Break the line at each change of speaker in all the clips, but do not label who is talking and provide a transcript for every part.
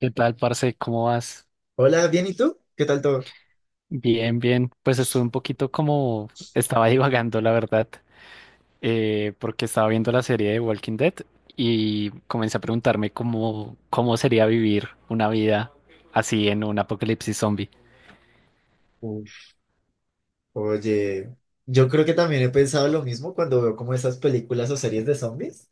¿Qué tal, parce? ¿Cómo vas?
Hola, bien, ¿y tú? ¿Qué tal todo?
Bien, bien. Pues estuve un poquito como estaba divagando, la verdad, porque estaba viendo la serie de Walking Dead y comencé a preguntarme cómo sería vivir una vida así en un apocalipsis zombie.
Uf. Oye, yo creo que también he pensado lo mismo cuando veo como esas películas o series de zombies.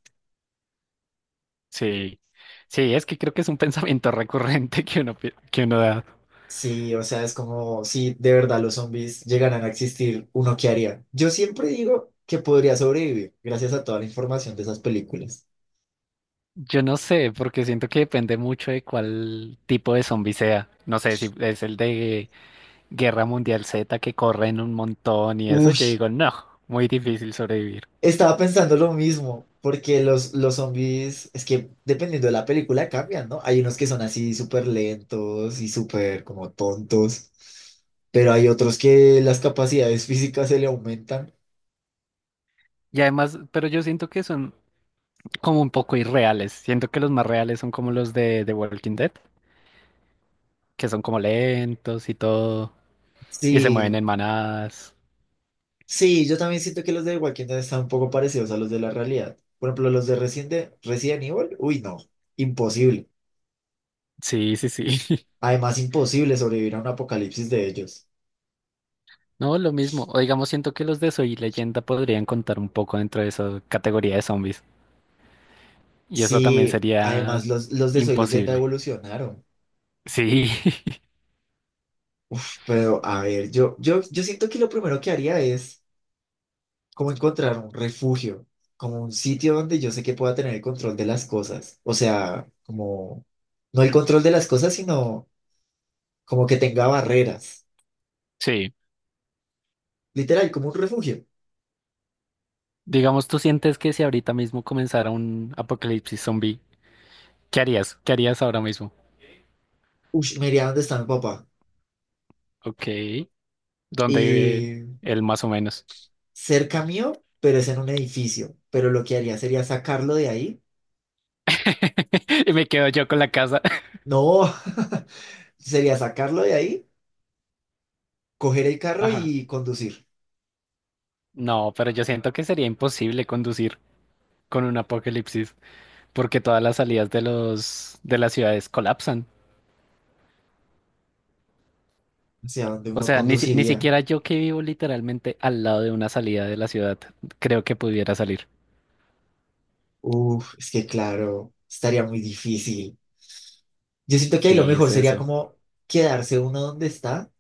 Sí, sí, es que creo que es un pensamiento recurrente que uno da.
Sí, o sea, es como si de verdad los zombies llegaran a existir, uno qué haría. Yo siempre digo que podría sobrevivir gracias a toda la información de esas películas.
Yo no sé, porque siento que depende mucho de cuál tipo de zombie sea. No sé si es el de Guerra Mundial Z que corren un montón y eso,
Uy.
yo digo, no, muy difícil sobrevivir.
Estaba pensando lo mismo, porque los zombies, es que dependiendo de la película cambian, ¿no? Hay unos que son así súper lentos y súper como tontos, pero hay otros que las capacidades físicas se le aumentan.
Y además, pero yo siento que son como un poco irreales. Siento que los más reales son como los de The Walking Dead, que son como lentos y todo, y se mueven
Sí,
en manadas.
sí, yo también siento que los de Walking Dead están un poco parecidos a los de la realidad. Por ejemplo, los de Resident Evil, uy, no, imposible.
Sí, sí, sí.
Además, imposible sobrevivir a un apocalipsis de ellos.
No, lo mismo. O digamos, siento que los de Soy Leyenda podrían contar un poco dentro de esa categoría de zombies. Y eso también
Sí,
sería
además los de Soy Leyenda
imposible.
evolucionaron.
Sí,
Pero, a ver, yo siento que lo primero que haría es como encontrar un refugio, como un sitio donde yo sé que pueda tener el control de las cosas. O sea, como, no el control de las cosas, sino como que tenga barreras.
sí.
Literal, como un refugio.
Digamos, tú sientes que si ahorita mismo comenzara un apocalipsis zombie, ¿qué harías? ¿Qué harías ahora mismo?
Ush, me iría donde está mi papá.
Ok, ¿dónde vive
Y
él más o menos?
cerca mío, pero es en un edificio. Pero lo que haría sería sacarlo de ahí.
Y me quedo yo con la casa.
No, sería sacarlo de ahí, coger el carro
Ajá.
y conducir.
No, pero yo siento que sería imposible conducir con un apocalipsis, porque todas las salidas de las ciudades colapsan.
O sea, donde
O
uno
sea, ni
conduciría.
siquiera yo que vivo literalmente al lado de una salida de la ciudad, creo que pudiera salir.
Uf, es que claro, estaría muy difícil. Yo siento que ahí lo
Sí,
mejor
es
sería
eso.
como quedarse uno donde está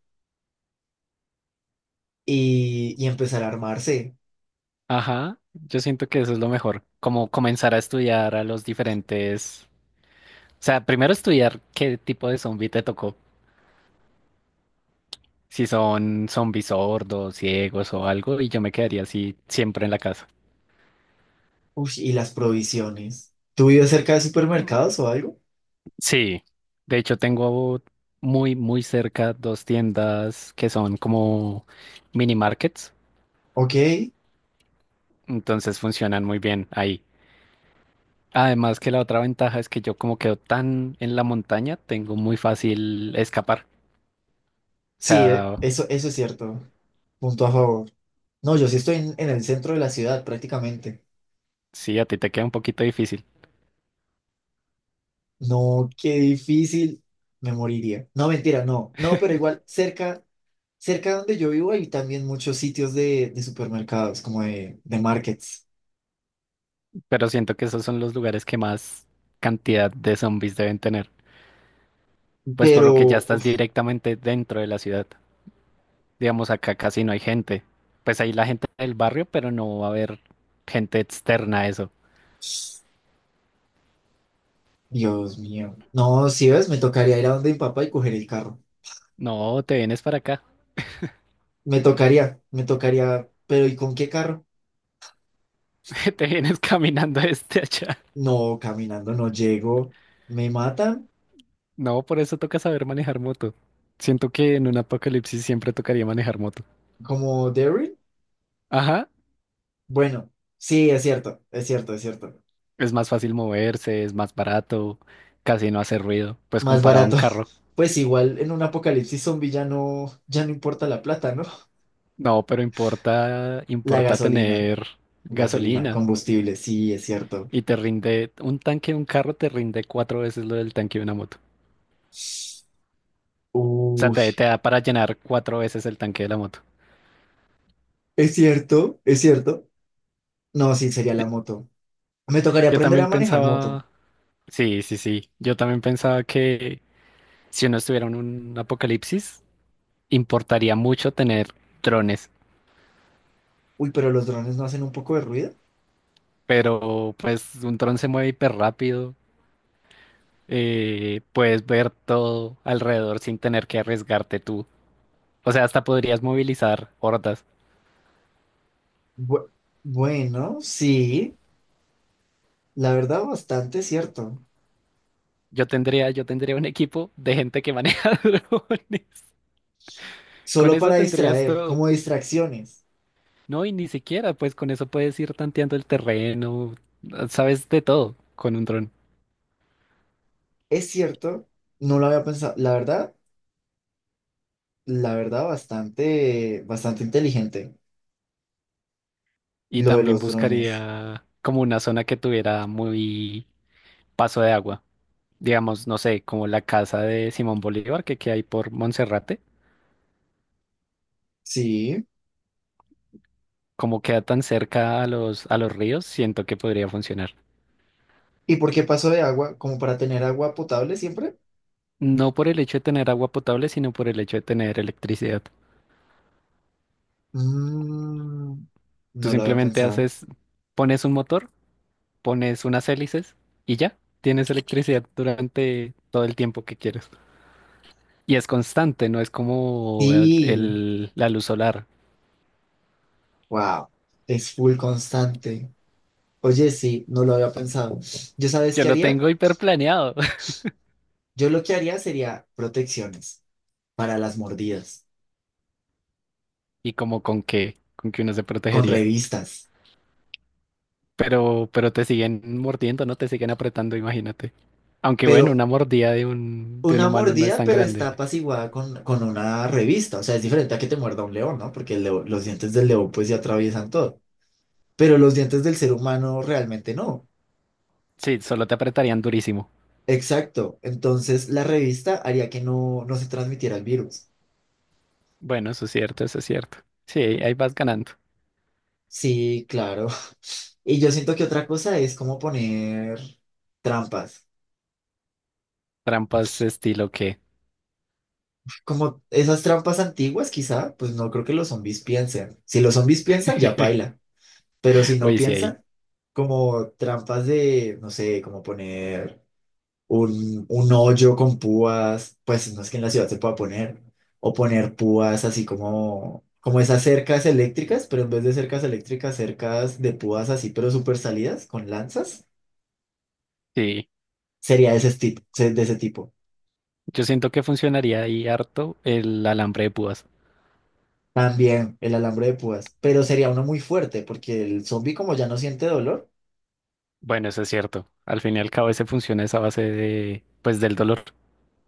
y empezar a armarse.
Ajá, yo siento que eso es lo mejor, como comenzar a estudiar a los diferentes, o sea, primero estudiar qué tipo de zombie te tocó, si son zombies sordos, ciegos o algo, y yo me quedaría así siempre en la casa.
Uf, y las provisiones. ¿Tú vives cerca de supermercados o algo?
Sí, de hecho tengo muy, muy cerca dos tiendas que son como mini markets,
Ok,
entonces funcionan muy bien ahí. Además que la otra ventaja es que yo como quedo tan en la montaña, tengo muy fácil escapar. O
sí,
sea,
eso, eso es cierto. Punto a favor. No, yo sí estoy en, el centro de la ciudad prácticamente.
sí, a ti te queda un poquito difícil,
No, qué difícil. Me moriría. No, mentira, no. No, pero igual cerca, donde yo vivo hay también muchos sitios de, supermercados, como de markets.
pero siento que esos son los lugares que más cantidad de zombies deben tener, pues por lo que ya
Pero,
estás
uf.
directamente dentro de la ciudad. Digamos, acá casi no hay gente. Pues ahí la gente del barrio, pero no va a haber gente externa a eso.
Dios mío. No, si ves, me tocaría ir a donde mi papá y coger el carro.
No, te vienes para acá,
Me tocaría, me tocaría. Pero ¿y con qué carro?
te vienes caminando desde allá.
No, caminando no llego. ¿Me matan?
No, por eso toca saber manejar moto. Siento que en un apocalipsis siempre tocaría manejar moto.
¿Como Derry?
Ajá,
Bueno, sí, es cierto, es cierto, es cierto.
es más fácil moverse, es más barato, casi no hace ruido, pues
Más
comparado a un
barato.
carro.
Pues igual en un apocalipsis zombie ya no importa la plata, ¿no?
No, pero importa,
La
importa
gasolina,
tener
gasolina,
gasolina
combustible, sí, es cierto.
y te rinde, un tanque de un carro te rinde cuatro veces lo del tanque de una moto. O sea,
Uy,
te da para llenar cuatro veces el tanque de la moto.
es cierto, es cierto. No, sí, sería la
Di-
moto. Me tocaría
Yo
aprender
también
a manejar moto.
pensaba, sí, sí, sí, yo también pensaba que si uno estuviera en un apocalipsis, importaría mucho tener drones,
Uy, pero los drones no hacen un poco de ruido.
pero pues un dron se mueve hiper rápido, puedes ver todo alrededor sin tener que arriesgarte tú. O sea, hasta podrías movilizar hordas.
Bu- bueno, sí, la verdad bastante cierto.
Yo tendría un equipo de gente que maneja drones. Con
Solo para
eso tendrías
distraer,
todo.
como distracciones.
No, y ni siquiera, pues con eso puedes ir tanteando el terreno, sabes de todo con un dron.
Es cierto, no lo había pensado. La verdad bastante, bastante inteligente
Y
lo de
también
los drones.
buscaría como una zona que tuviera muy paso de agua. Digamos, no sé, como la casa de Simón Bolívar que queda ahí por Monserrate.
Sí.
Como queda tan cerca a los ríos, siento que podría funcionar.
¿Y por qué paso de agua? ¿Como para tener agua potable siempre?
No por el hecho de tener agua potable, sino por el hecho de tener electricidad.
Mm,
Tú
no lo había
simplemente
pensado.
haces, pones un motor, pones unas hélices y ya, tienes electricidad durante todo el tiempo que quieres. Y es constante, no es como el,
Sí,
el- la luz solar.
wow, es full constante. Oye, sí, no lo había pensado. ¿Yo sabes
Yo
qué
lo
haría?
tengo hiperplaneado
Yo lo que haría sería protecciones para las mordidas,
y como con que uno se
con
protegería.
revistas,
Pero te siguen mordiendo, ¿no? Te siguen apretando, imagínate. Aunque bueno,
pero
una mordida de un
una
humano no es
mordida,
tan
pero está
grande.
apaciguada con una revista. O sea, es diferente a que te muerda un león, ¿no? Porque los dientes del león pues ya atraviesan todo, pero los dientes del ser humano realmente no.
Sí, solo te apretarían durísimo.
Exacto. Entonces, la revista haría que no, no se transmitiera el virus.
Bueno, eso es cierto, eso es cierto. Sí, ahí vas ganando.
Sí, claro. Y yo siento que otra cosa es como poner trampas.
Trampas estilo que.
Como esas trampas antiguas, quizá, pues no creo que los zombies piensen. Si los zombies piensan, ya paila. Pero si no
Uy, sí, ahí.
piensan, como trampas de, no sé, como poner un hoyo con púas, pues no es que en la ciudad se pueda poner. O poner púas así como, como esas cercas eléctricas, pero en vez de cercas eléctricas, cercas de púas así, pero súper salidas, con lanzas,
Sí.
sería de ese tipo, de ese tipo.
Yo siento que funcionaría ahí harto el alambre de púas.
También el alambre de púas, pero sería uno muy fuerte porque el zombie como ya no siente dolor.
Bueno, eso es cierto. Al fin y al cabo ese funciona esa base de, pues, del dolor.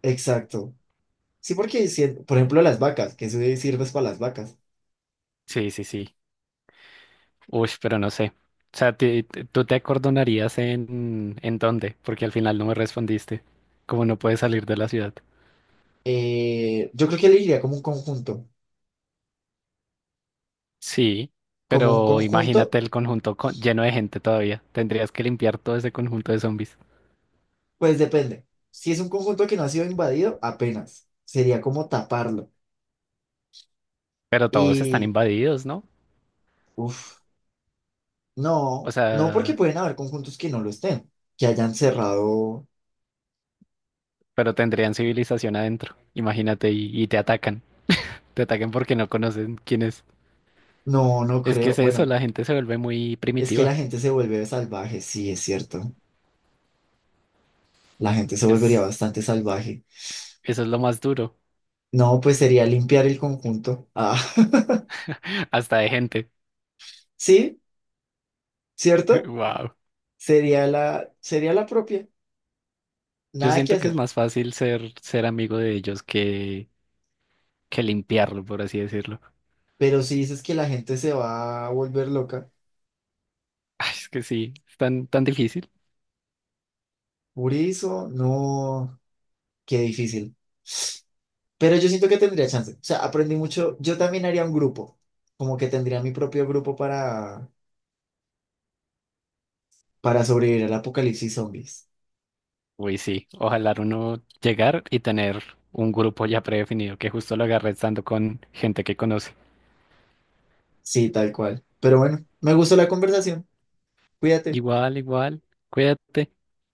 Exacto. Sí, porque, por ejemplo, las vacas, que eso de sirves para las vacas.
Sí, sí, sí. Uy, pero no sé. O sea, ¿tú te acordonarías en dónde? Porque al final no me respondiste. Como no puedes salir de la ciudad.
Yo creo que elegiría como un conjunto.
Sí,
Como un
pero
conjunto,
imagínate el lleno de gente todavía. Tendrías que limpiar todo ese conjunto de zombies.
pues depende. Si es un conjunto que no ha sido invadido, apenas. Sería como taparlo.
Pero todos están
Y,
invadidos, ¿no?
uff,
O
no, no porque
sea...
pueden haber conjuntos que no lo estén, que hayan cerrado.
pero tendrían civilización adentro. Imagínate, y te atacan. Te atacan porque no conocen quién es.
No, no
Es que
creo.
es eso,
Bueno,
la gente se vuelve muy
es que la
primitiva.
gente se vuelve salvaje, sí, es cierto. La gente se volvería
Es,
bastante salvaje.
Eso es lo más duro,
No, pues sería limpiar el conjunto. Ah,
hasta de gente.
sí, ¿cierto?
Wow.
Sería la propia,
Yo
nada que
siento que es
hacer.
más fácil ser amigo de ellos que limpiarlo, por así decirlo.
Pero si dices que la gente se va a volver loca,
Ay, es que sí, es tan, tan difícil.
por eso, no, qué difícil. Pero yo siento que tendría chance. O sea, aprendí mucho. Yo también haría un grupo, como que tendría mi propio grupo para, sobrevivir al apocalipsis zombies.
Uy, sí, ojalá uno llegar y tener un grupo ya predefinido que justo lo agarre estando con gente que conoce.
Sí, tal cual. Pero bueno, me gustó la conversación. Cuídate.
Igual, igual, cuídate.